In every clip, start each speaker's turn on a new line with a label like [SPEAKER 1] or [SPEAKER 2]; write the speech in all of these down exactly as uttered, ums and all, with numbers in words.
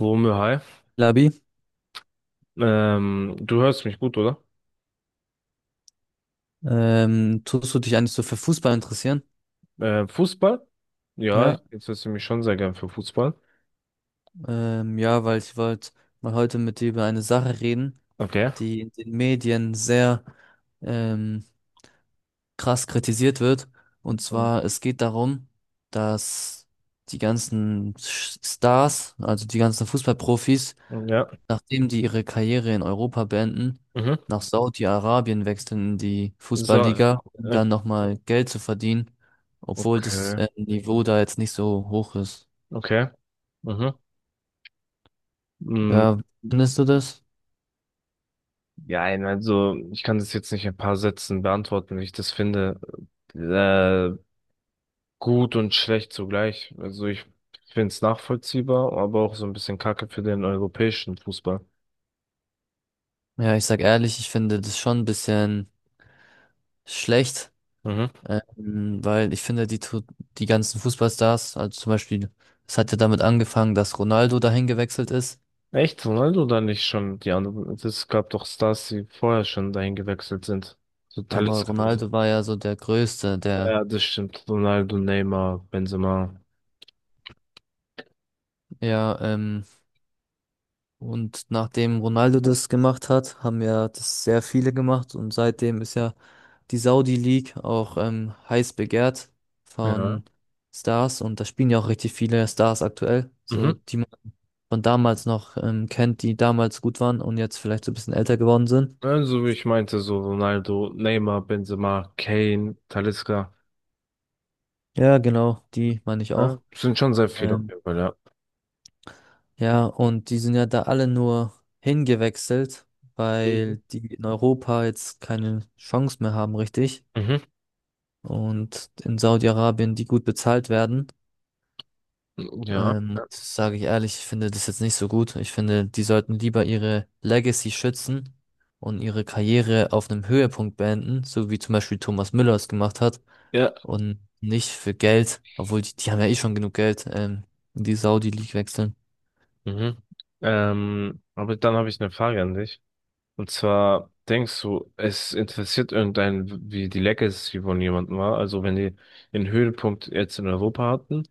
[SPEAKER 1] Womö, hi.
[SPEAKER 2] Labi,
[SPEAKER 1] Ähm, du hörst mich gut, oder?
[SPEAKER 2] ähm, tust du dich eigentlich so für Fußball interessieren?
[SPEAKER 1] Äh, Fußball? Ja, ich
[SPEAKER 2] Ja,
[SPEAKER 1] interessiere mich schon sehr gern für Fußball.
[SPEAKER 2] ähm, ja, weil ich wollte mal heute mit dir über eine Sache reden,
[SPEAKER 1] Okay.
[SPEAKER 2] die in den Medien sehr ähm, krass kritisiert wird. Und
[SPEAKER 1] Ähm,
[SPEAKER 2] zwar, es geht darum, dass die ganzen Sch- Stars, also die ganzen Fußballprofis,
[SPEAKER 1] Ja.
[SPEAKER 2] nachdem die ihre Karriere in Europa beenden,
[SPEAKER 1] Mhm.
[SPEAKER 2] nach Saudi-Arabien wechseln in die
[SPEAKER 1] So,
[SPEAKER 2] Fußballliga, um
[SPEAKER 1] äh,
[SPEAKER 2] dann nochmal Geld zu verdienen, obwohl das
[SPEAKER 1] okay.
[SPEAKER 2] äh, Niveau da jetzt nicht so hoch ist.
[SPEAKER 1] Okay. Mhm. Mm.
[SPEAKER 2] Ja, findest du das?
[SPEAKER 1] Ja, nein, also ich kann das jetzt nicht in ein paar Sätzen beantworten, wie ich das finde. Äh, gut und schlecht zugleich. Also ich finde es nachvollziehbar, aber auch so ein bisschen Kacke für den europäischen Fußball.
[SPEAKER 2] Ja, ich sag ehrlich, ich finde das schon ein bisschen schlecht,
[SPEAKER 1] Mhm.
[SPEAKER 2] ähm, weil ich finde, die, tu- die ganzen Fußballstars, also zum Beispiel, es hat ja damit angefangen, dass Ronaldo dahin gewechselt ist.
[SPEAKER 1] Echt, Ronaldo oder nicht schon die anderen? Es gab doch Stars, die vorher schon dahin gewechselt sind. So
[SPEAKER 2] Ja, aber
[SPEAKER 1] Talisca und so.
[SPEAKER 2] Ronaldo war ja so der Größte,
[SPEAKER 1] Ja,
[SPEAKER 2] der,
[SPEAKER 1] ja, das stimmt. Ronaldo, Neymar, Benzema.
[SPEAKER 2] ja, ähm, und nachdem Ronaldo das gemacht hat, haben ja das sehr viele gemacht und seitdem ist ja die Saudi League auch ähm, heiß begehrt
[SPEAKER 1] Ja.
[SPEAKER 2] von Stars, und da spielen ja auch richtig viele Stars aktuell, so
[SPEAKER 1] Mhm.
[SPEAKER 2] die man von damals noch ähm, kennt, die damals gut waren und jetzt vielleicht so ein bisschen älter geworden sind.
[SPEAKER 1] Also wie ich meinte, so Ronaldo, Neymar, Benzema, Kane, Talisca.
[SPEAKER 2] Ja, genau, die meine ich
[SPEAKER 1] Ja,
[SPEAKER 2] auch.
[SPEAKER 1] sind schon sehr viele auf
[SPEAKER 2] Ähm,
[SPEAKER 1] jeden Fall, ja.
[SPEAKER 2] ja, und die sind ja da alle nur hingewechselt,
[SPEAKER 1] Mhm.
[SPEAKER 2] weil die in Europa jetzt keine Chance mehr haben, richtig.
[SPEAKER 1] Mhm.
[SPEAKER 2] Und in Saudi-Arabien, die gut bezahlt werden.
[SPEAKER 1] Ja.
[SPEAKER 2] Ähm, das sage ich ehrlich, ich finde das jetzt nicht so gut. Ich finde, die sollten lieber ihre Legacy schützen und ihre Karriere auf einem Höhepunkt beenden, so wie zum Beispiel Thomas Müller es gemacht hat,
[SPEAKER 1] Ja.
[SPEAKER 2] und nicht für Geld, obwohl die, die haben ja eh schon genug Geld, ähm, in die Saudi-League wechseln.
[SPEAKER 1] Mhm. Ähm, aber dann habe ich eine Frage an dich. Und zwar denkst du, es interessiert irgendeinen, wie die Legacy von jemandem war. Also wenn die den Höhepunkt jetzt in Europa hatten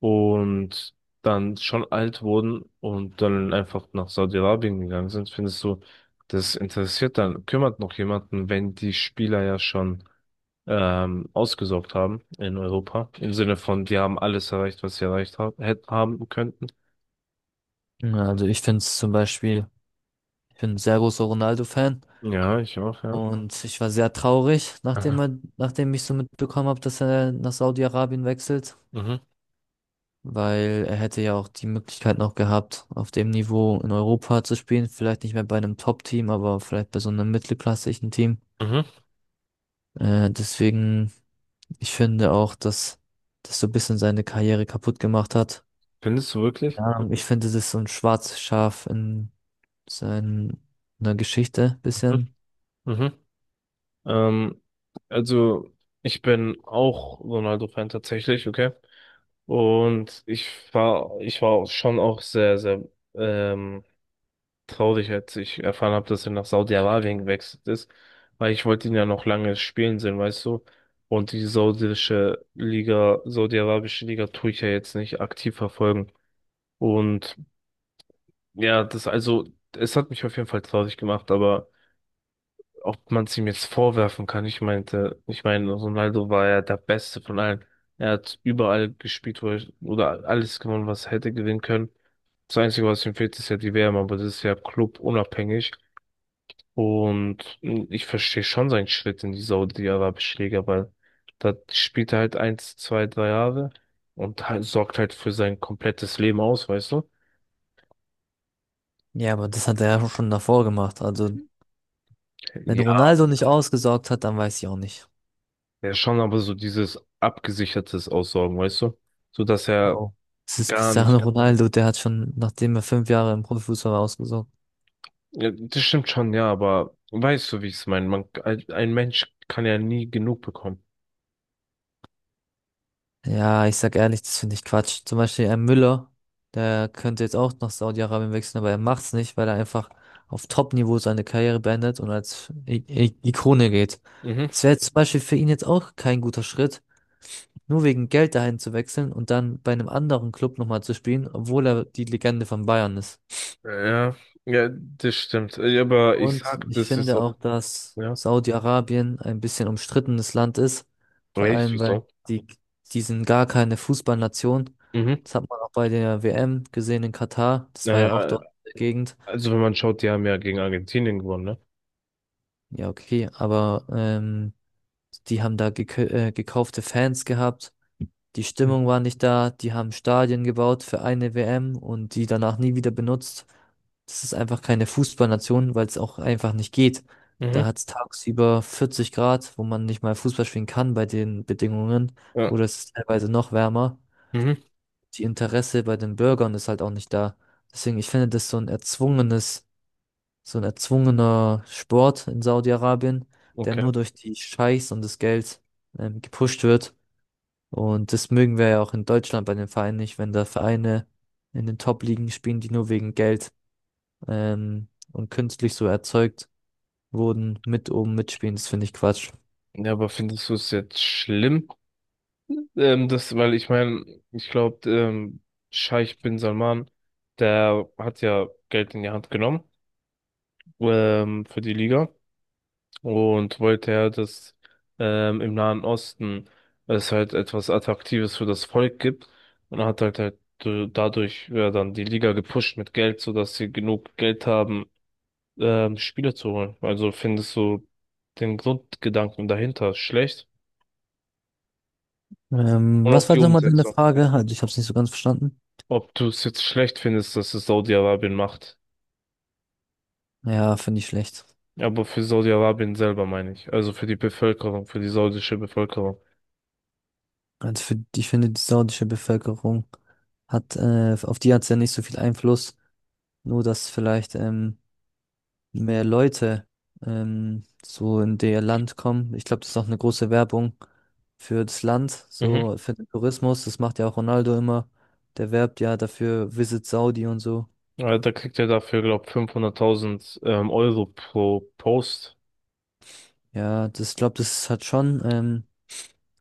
[SPEAKER 1] und dann schon alt wurden und dann einfach nach Saudi-Arabien gegangen sind, findest du, das interessiert dann, kümmert noch jemanden, wenn die Spieler ja schon ähm, ausgesorgt haben in Europa. Im Sinne von, die haben alles erreicht, was sie erreicht ha hätt- haben könnten.
[SPEAKER 2] Ja, also ich finde es zum Beispiel, ich bin ein sehr großer Ronaldo-Fan,
[SPEAKER 1] Ja, ich auch, ja.
[SPEAKER 2] und ich war sehr traurig, nachdem
[SPEAKER 1] Aha.
[SPEAKER 2] er, nachdem ich so mitbekommen habe, dass er nach Saudi-Arabien wechselt.
[SPEAKER 1] Mhm.
[SPEAKER 2] Weil er hätte ja auch die Möglichkeit noch gehabt, auf dem Niveau in Europa zu spielen. Vielleicht nicht mehr bei einem Top-Team, aber vielleicht bei so einem mittelklassischen Team.
[SPEAKER 1] Mhm.
[SPEAKER 2] Äh, deswegen, ich finde auch, dass das so ein bisschen seine Karriere kaputt gemacht hat.
[SPEAKER 1] Findest du wirklich?
[SPEAKER 2] Keine Ahnung, ich finde, das ist so ein schwarzes Schaf in seiner Geschichte
[SPEAKER 1] Mhm.
[SPEAKER 2] bisschen.
[SPEAKER 1] Mhm. Ähm, also ich bin auch Ronaldo-Fan tatsächlich, okay? Und ich war, ich war auch schon auch sehr, sehr ähm, traurig, als ich erfahren habe, dass er nach Saudi-Arabien gewechselt ist, weil ich wollte ihn ja noch lange spielen sehen, weißt du? Und die saudische Liga, saudi-arabische Liga tue ich ja jetzt nicht aktiv verfolgen. Und ja, das also, es hat mich auf jeden Fall traurig gemacht, aber ob man es ihm jetzt vorwerfen kann. Ich meinte, ich meine, Ronaldo war ja der Beste von allen. Er hat überall gespielt, wo er, oder alles gewonnen, was er hätte gewinnen können. Das Einzige, was ihm fehlt, ist ja die W M, aber das ist ja clubunabhängig. Und ich verstehe schon seinen Schritt in die Saudi-Arabische Liga, weil da spielt er halt eins, zwei, drei Jahre und halt, sorgt halt für sein komplettes Leben aus, weißt du?
[SPEAKER 2] Ja, aber das hat er ja schon davor gemacht. Also, wenn
[SPEAKER 1] Ja,
[SPEAKER 2] Ronaldo nicht ausgesorgt hat, dann weiß ich auch nicht.
[SPEAKER 1] ja schon, aber so dieses abgesichertes Aussorgen, weißt du? So dass er
[SPEAKER 2] Oh. Es ist
[SPEAKER 1] gar
[SPEAKER 2] Cristiano.
[SPEAKER 1] nicht.
[SPEAKER 2] Ja, Ronaldo, der hat schon, nachdem er fünf Jahre im Profifußball war, ausgesorgt.
[SPEAKER 1] Ja, das stimmt schon, ja, aber weißt du, wie ich es meine? Man, ein Mensch kann ja nie genug bekommen.
[SPEAKER 2] Ja, ich sag ehrlich, das finde ich Quatsch. Zum Beispiel ein Müller, der könnte jetzt auch nach Saudi-Arabien wechseln, aber er macht's nicht, weil er einfach auf Top-Niveau seine Karriere beendet und als I I Ikone geht.
[SPEAKER 1] Mhm.
[SPEAKER 2] Das wäre zum Beispiel für ihn jetzt auch kein guter Schritt, nur wegen Geld dahin zu wechseln und dann bei einem anderen Club nochmal zu spielen, obwohl er die Legende von Bayern ist.
[SPEAKER 1] Ja, ja, das stimmt. Äh, ja, aber ich
[SPEAKER 2] Und
[SPEAKER 1] sag,
[SPEAKER 2] ich
[SPEAKER 1] das ist
[SPEAKER 2] finde auch,
[SPEAKER 1] auch.
[SPEAKER 2] dass
[SPEAKER 1] Ja,
[SPEAKER 2] Saudi-Arabien ein bisschen umstrittenes Land ist, vor
[SPEAKER 1] weißt du,
[SPEAKER 2] allem weil
[SPEAKER 1] wieso?
[SPEAKER 2] die, die sind gar keine Fußballnation.
[SPEAKER 1] Mhm.
[SPEAKER 2] Das hat man auch bei der W M gesehen in Katar. Das war ja auch
[SPEAKER 1] Äh,
[SPEAKER 2] dort in der Gegend.
[SPEAKER 1] also, wenn man schaut, die haben ja gegen Argentinien gewonnen, ne?
[SPEAKER 2] Ja, okay, aber ähm, die haben da gekau- äh, gekaufte Fans gehabt. Die Stimmung
[SPEAKER 1] Mhm.
[SPEAKER 2] war nicht da, die haben Stadien gebaut für eine W M und die danach nie wieder benutzt. Das ist einfach keine Fußballnation, weil es auch einfach nicht geht.
[SPEAKER 1] Mhm.
[SPEAKER 2] Da hat es tagsüber vierzig Grad, wo man nicht mal Fußball spielen kann bei den Bedingungen.
[SPEAKER 1] Ja.
[SPEAKER 2] Oder es ist teilweise noch wärmer.
[SPEAKER 1] Mhm.
[SPEAKER 2] Die Interesse bei den Bürgern ist halt auch nicht da. Deswegen, ich finde das so ein erzwungenes, so ein erzwungener Sport in Saudi-Arabien, der
[SPEAKER 1] Okay.
[SPEAKER 2] nur durch die Scheichs und das Geld ähm, gepusht wird. Und das mögen wir ja auch in Deutschland bei den Vereinen nicht, wenn da Vereine in den Top-Ligen spielen, die nur wegen Geld ähm, und künstlich so erzeugt wurden, mit oben mitspielen. Das finde ich Quatsch.
[SPEAKER 1] Ja, aber findest du es jetzt schlimm? Ähm, das, weil ich meine, ich glaube, ähm, Scheich bin Salman, der hat ja Geld in die Hand genommen, ähm, für die Liga. Und wollte ja, dass ähm, im Nahen Osten es halt etwas Attraktives für das Volk gibt. Und hat halt, halt äh, dadurch ja, dann die Liga gepusht mit Geld, sodass sie genug Geld haben, ähm, Spieler zu holen. Also findest du den Grundgedanken dahinter schlecht
[SPEAKER 2] Ähm,
[SPEAKER 1] und auch
[SPEAKER 2] was war
[SPEAKER 1] die
[SPEAKER 2] jetzt nochmal deine
[SPEAKER 1] Umsetzung.
[SPEAKER 2] Frage? Also ich habe es nicht so ganz verstanden.
[SPEAKER 1] Ob du es jetzt schlecht findest, dass es Saudi-Arabien macht.
[SPEAKER 2] Ja, finde ich schlecht.
[SPEAKER 1] Aber für Saudi-Arabien selber meine ich. Also für die Bevölkerung, für die saudische Bevölkerung.
[SPEAKER 2] Also für, ich finde, die saudische Bevölkerung hat, äh, auf die hat es ja nicht so viel Einfluss. Nur, dass vielleicht ähm, mehr Leute ähm, so in der Land kommen. Ich glaube, das ist auch eine große Werbung für das Land,
[SPEAKER 1] Mhm.
[SPEAKER 2] so für den Tourismus. Das macht ja auch Ronaldo immer. Der werbt ja dafür Visit Saudi und so.
[SPEAKER 1] Äh, Da kriegt er dafür, glaube fünfhunderttausend ähm, Euro pro Post.
[SPEAKER 2] Ja, das, ich glaube, das hat schon ähm,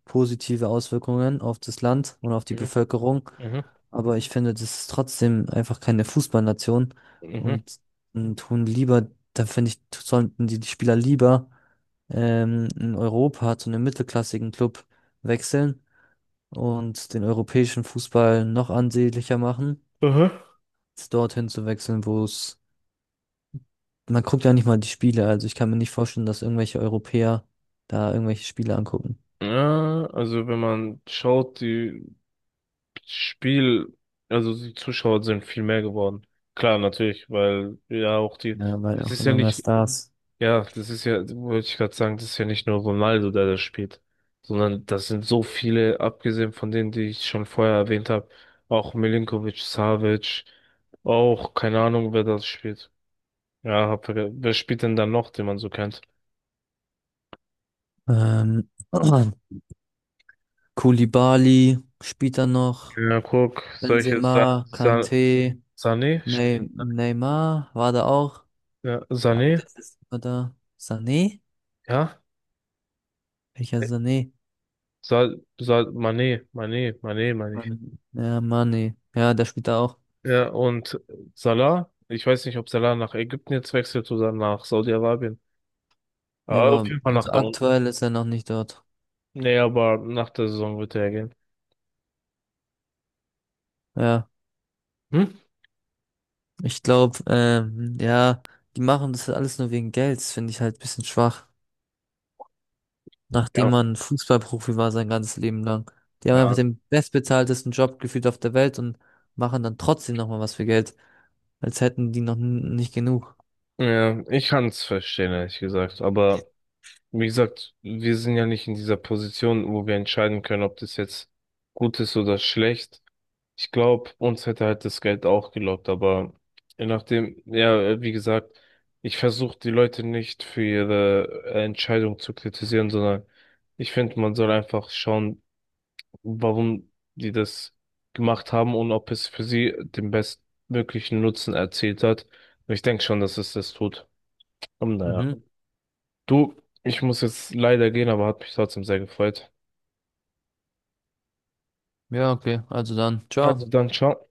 [SPEAKER 2] positive Auswirkungen auf das Land und auf die
[SPEAKER 1] Mhm.
[SPEAKER 2] Bevölkerung.
[SPEAKER 1] Mhm.
[SPEAKER 2] Aber ich finde, das ist trotzdem einfach keine Fußballnation,
[SPEAKER 1] Mhm.
[SPEAKER 2] und, und tun lieber, da finde ich, sollten die, die Spieler lieber ähm, in Europa zu einem mittelklassigen Club wechseln und den europäischen Fußball noch ansehnlicher machen,
[SPEAKER 1] Aha.
[SPEAKER 2] als dorthin zu wechseln, wo es, man guckt ja nicht mal die Spiele, also ich kann mir nicht vorstellen, dass irgendwelche Europäer da irgendwelche Spiele angucken.
[SPEAKER 1] Ja, also wenn man schaut, die Spiel, also die Zuschauer sind viel mehr geworden. Klar, natürlich, weil ja auch die,
[SPEAKER 2] Ja, weil
[SPEAKER 1] das
[SPEAKER 2] auch
[SPEAKER 1] ist ja
[SPEAKER 2] immer mehr
[SPEAKER 1] nicht,
[SPEAKER 2] Stars.
[SPEAKER 1] ja, das ist ja, wollte ich gerade sagen, das ist ja nicht nur Ronaldo, der das spielt, sondern das sind so viele, abgesehen von denen, die ich schon vorher erwähnt habe, auch Milinkovic, Savic, auch keine Ahnung, wer das spielt. Ja, hab verge- wer spielt denn da noch, den man so kennt?
[SPEAKER 2] Ähm, Koulibaly spielt da noch.
[SPEAKER 1] Ja, guck, solche Sa
[SPEAKER 2] Benzema,
[SPEAKER 1] Sa
[SPEAKER 2] Kanté,
[SPEAKER 1] Sané, spielt-
[SPEAKER 2] Ney Neymar war da auch.
[SPEAKER 1] ja,
[SPEAKER 2] Aber
[SPEAKER 1] Sané,
[SPEAKER 2] der ist immer da. Sané?
[SPEAKER 1] ja,
[SPEAKER 2] Welcher Sané?
[SPEAKER 1] Sa Sa Mané, Mané, Mané, meine ich.
[SPEAKER 2] Man ja, Mané. Ja, der spielt da auch.
[SPEAKER 1] Ja, und Salah, ich weiß nicht, ob Salah nach Ägypten jetzt wechselt oder nach Saudi-Arabien.
[SPEAKER 2] Ja,
[SPEAKER 1] Aber auf
[SPEAKER 2] aber
[SPEAKER 1] jeden Fall nach
[SPEAKER 2] also
[SPEAKER 1] da unten.
[SPEAKER 2] aktuell ist er noch nicht dort.
[SPEAKER 1] Nee, aber nach der Saison wird er gehen.
[SPEAKER 2] Ja,
[SPEAKER 1] Hm?
[SPEAKER 2] ich glaube, ähm, ja, die machen das alles nur wegen Gelds, finde ich halt ein bisschen schwach. Nachdem
[SPEAKER 1] Ja.
[SPEAKER 2] man Fußballprofi war sein ganzes Leben lang. Die haben einfach
[SPEAKER 1] Ja,
[SPEAKER 2] den bestbezahltesten Job gefühlt auf der Welt und machen dann trotzdem nochmal was für Geld, als hätten die noch n- nicht genug.
[SPEAKER 1] ja, ich kann es verstehen, ehrlich gesagt, aber wie gesagt, wir sind ja nicht in dieser Position, wo wir entscheiden können, ob das jetzt gut ist oder schlecht. Ich glaube, uns hätte halt das Geld auch gelockt, aber je nachdem, ja, wie gesagt, ich versuche die Leute nicht für ihre Entscheidung zu kritisieren, sondern ich finde, man soll einfach schauen, warum die das gemacht haben und ob es für sie den bestmöglichen Nutzen erzielt hat. Und ich denke schon, dass es das tut. Und naja.
[SPEAKER 2] Mhm.
[SPEAKER 1] Du, ich muss jetzt leider gehen, aber hat mich trotzdem sehr gefreut.
[SPEAKER 2] Ja, okay, also dann,
[SPEAKER 1] Also
[SPEAKER 2] ciao.
[SPEAKER 1] dann, ciao.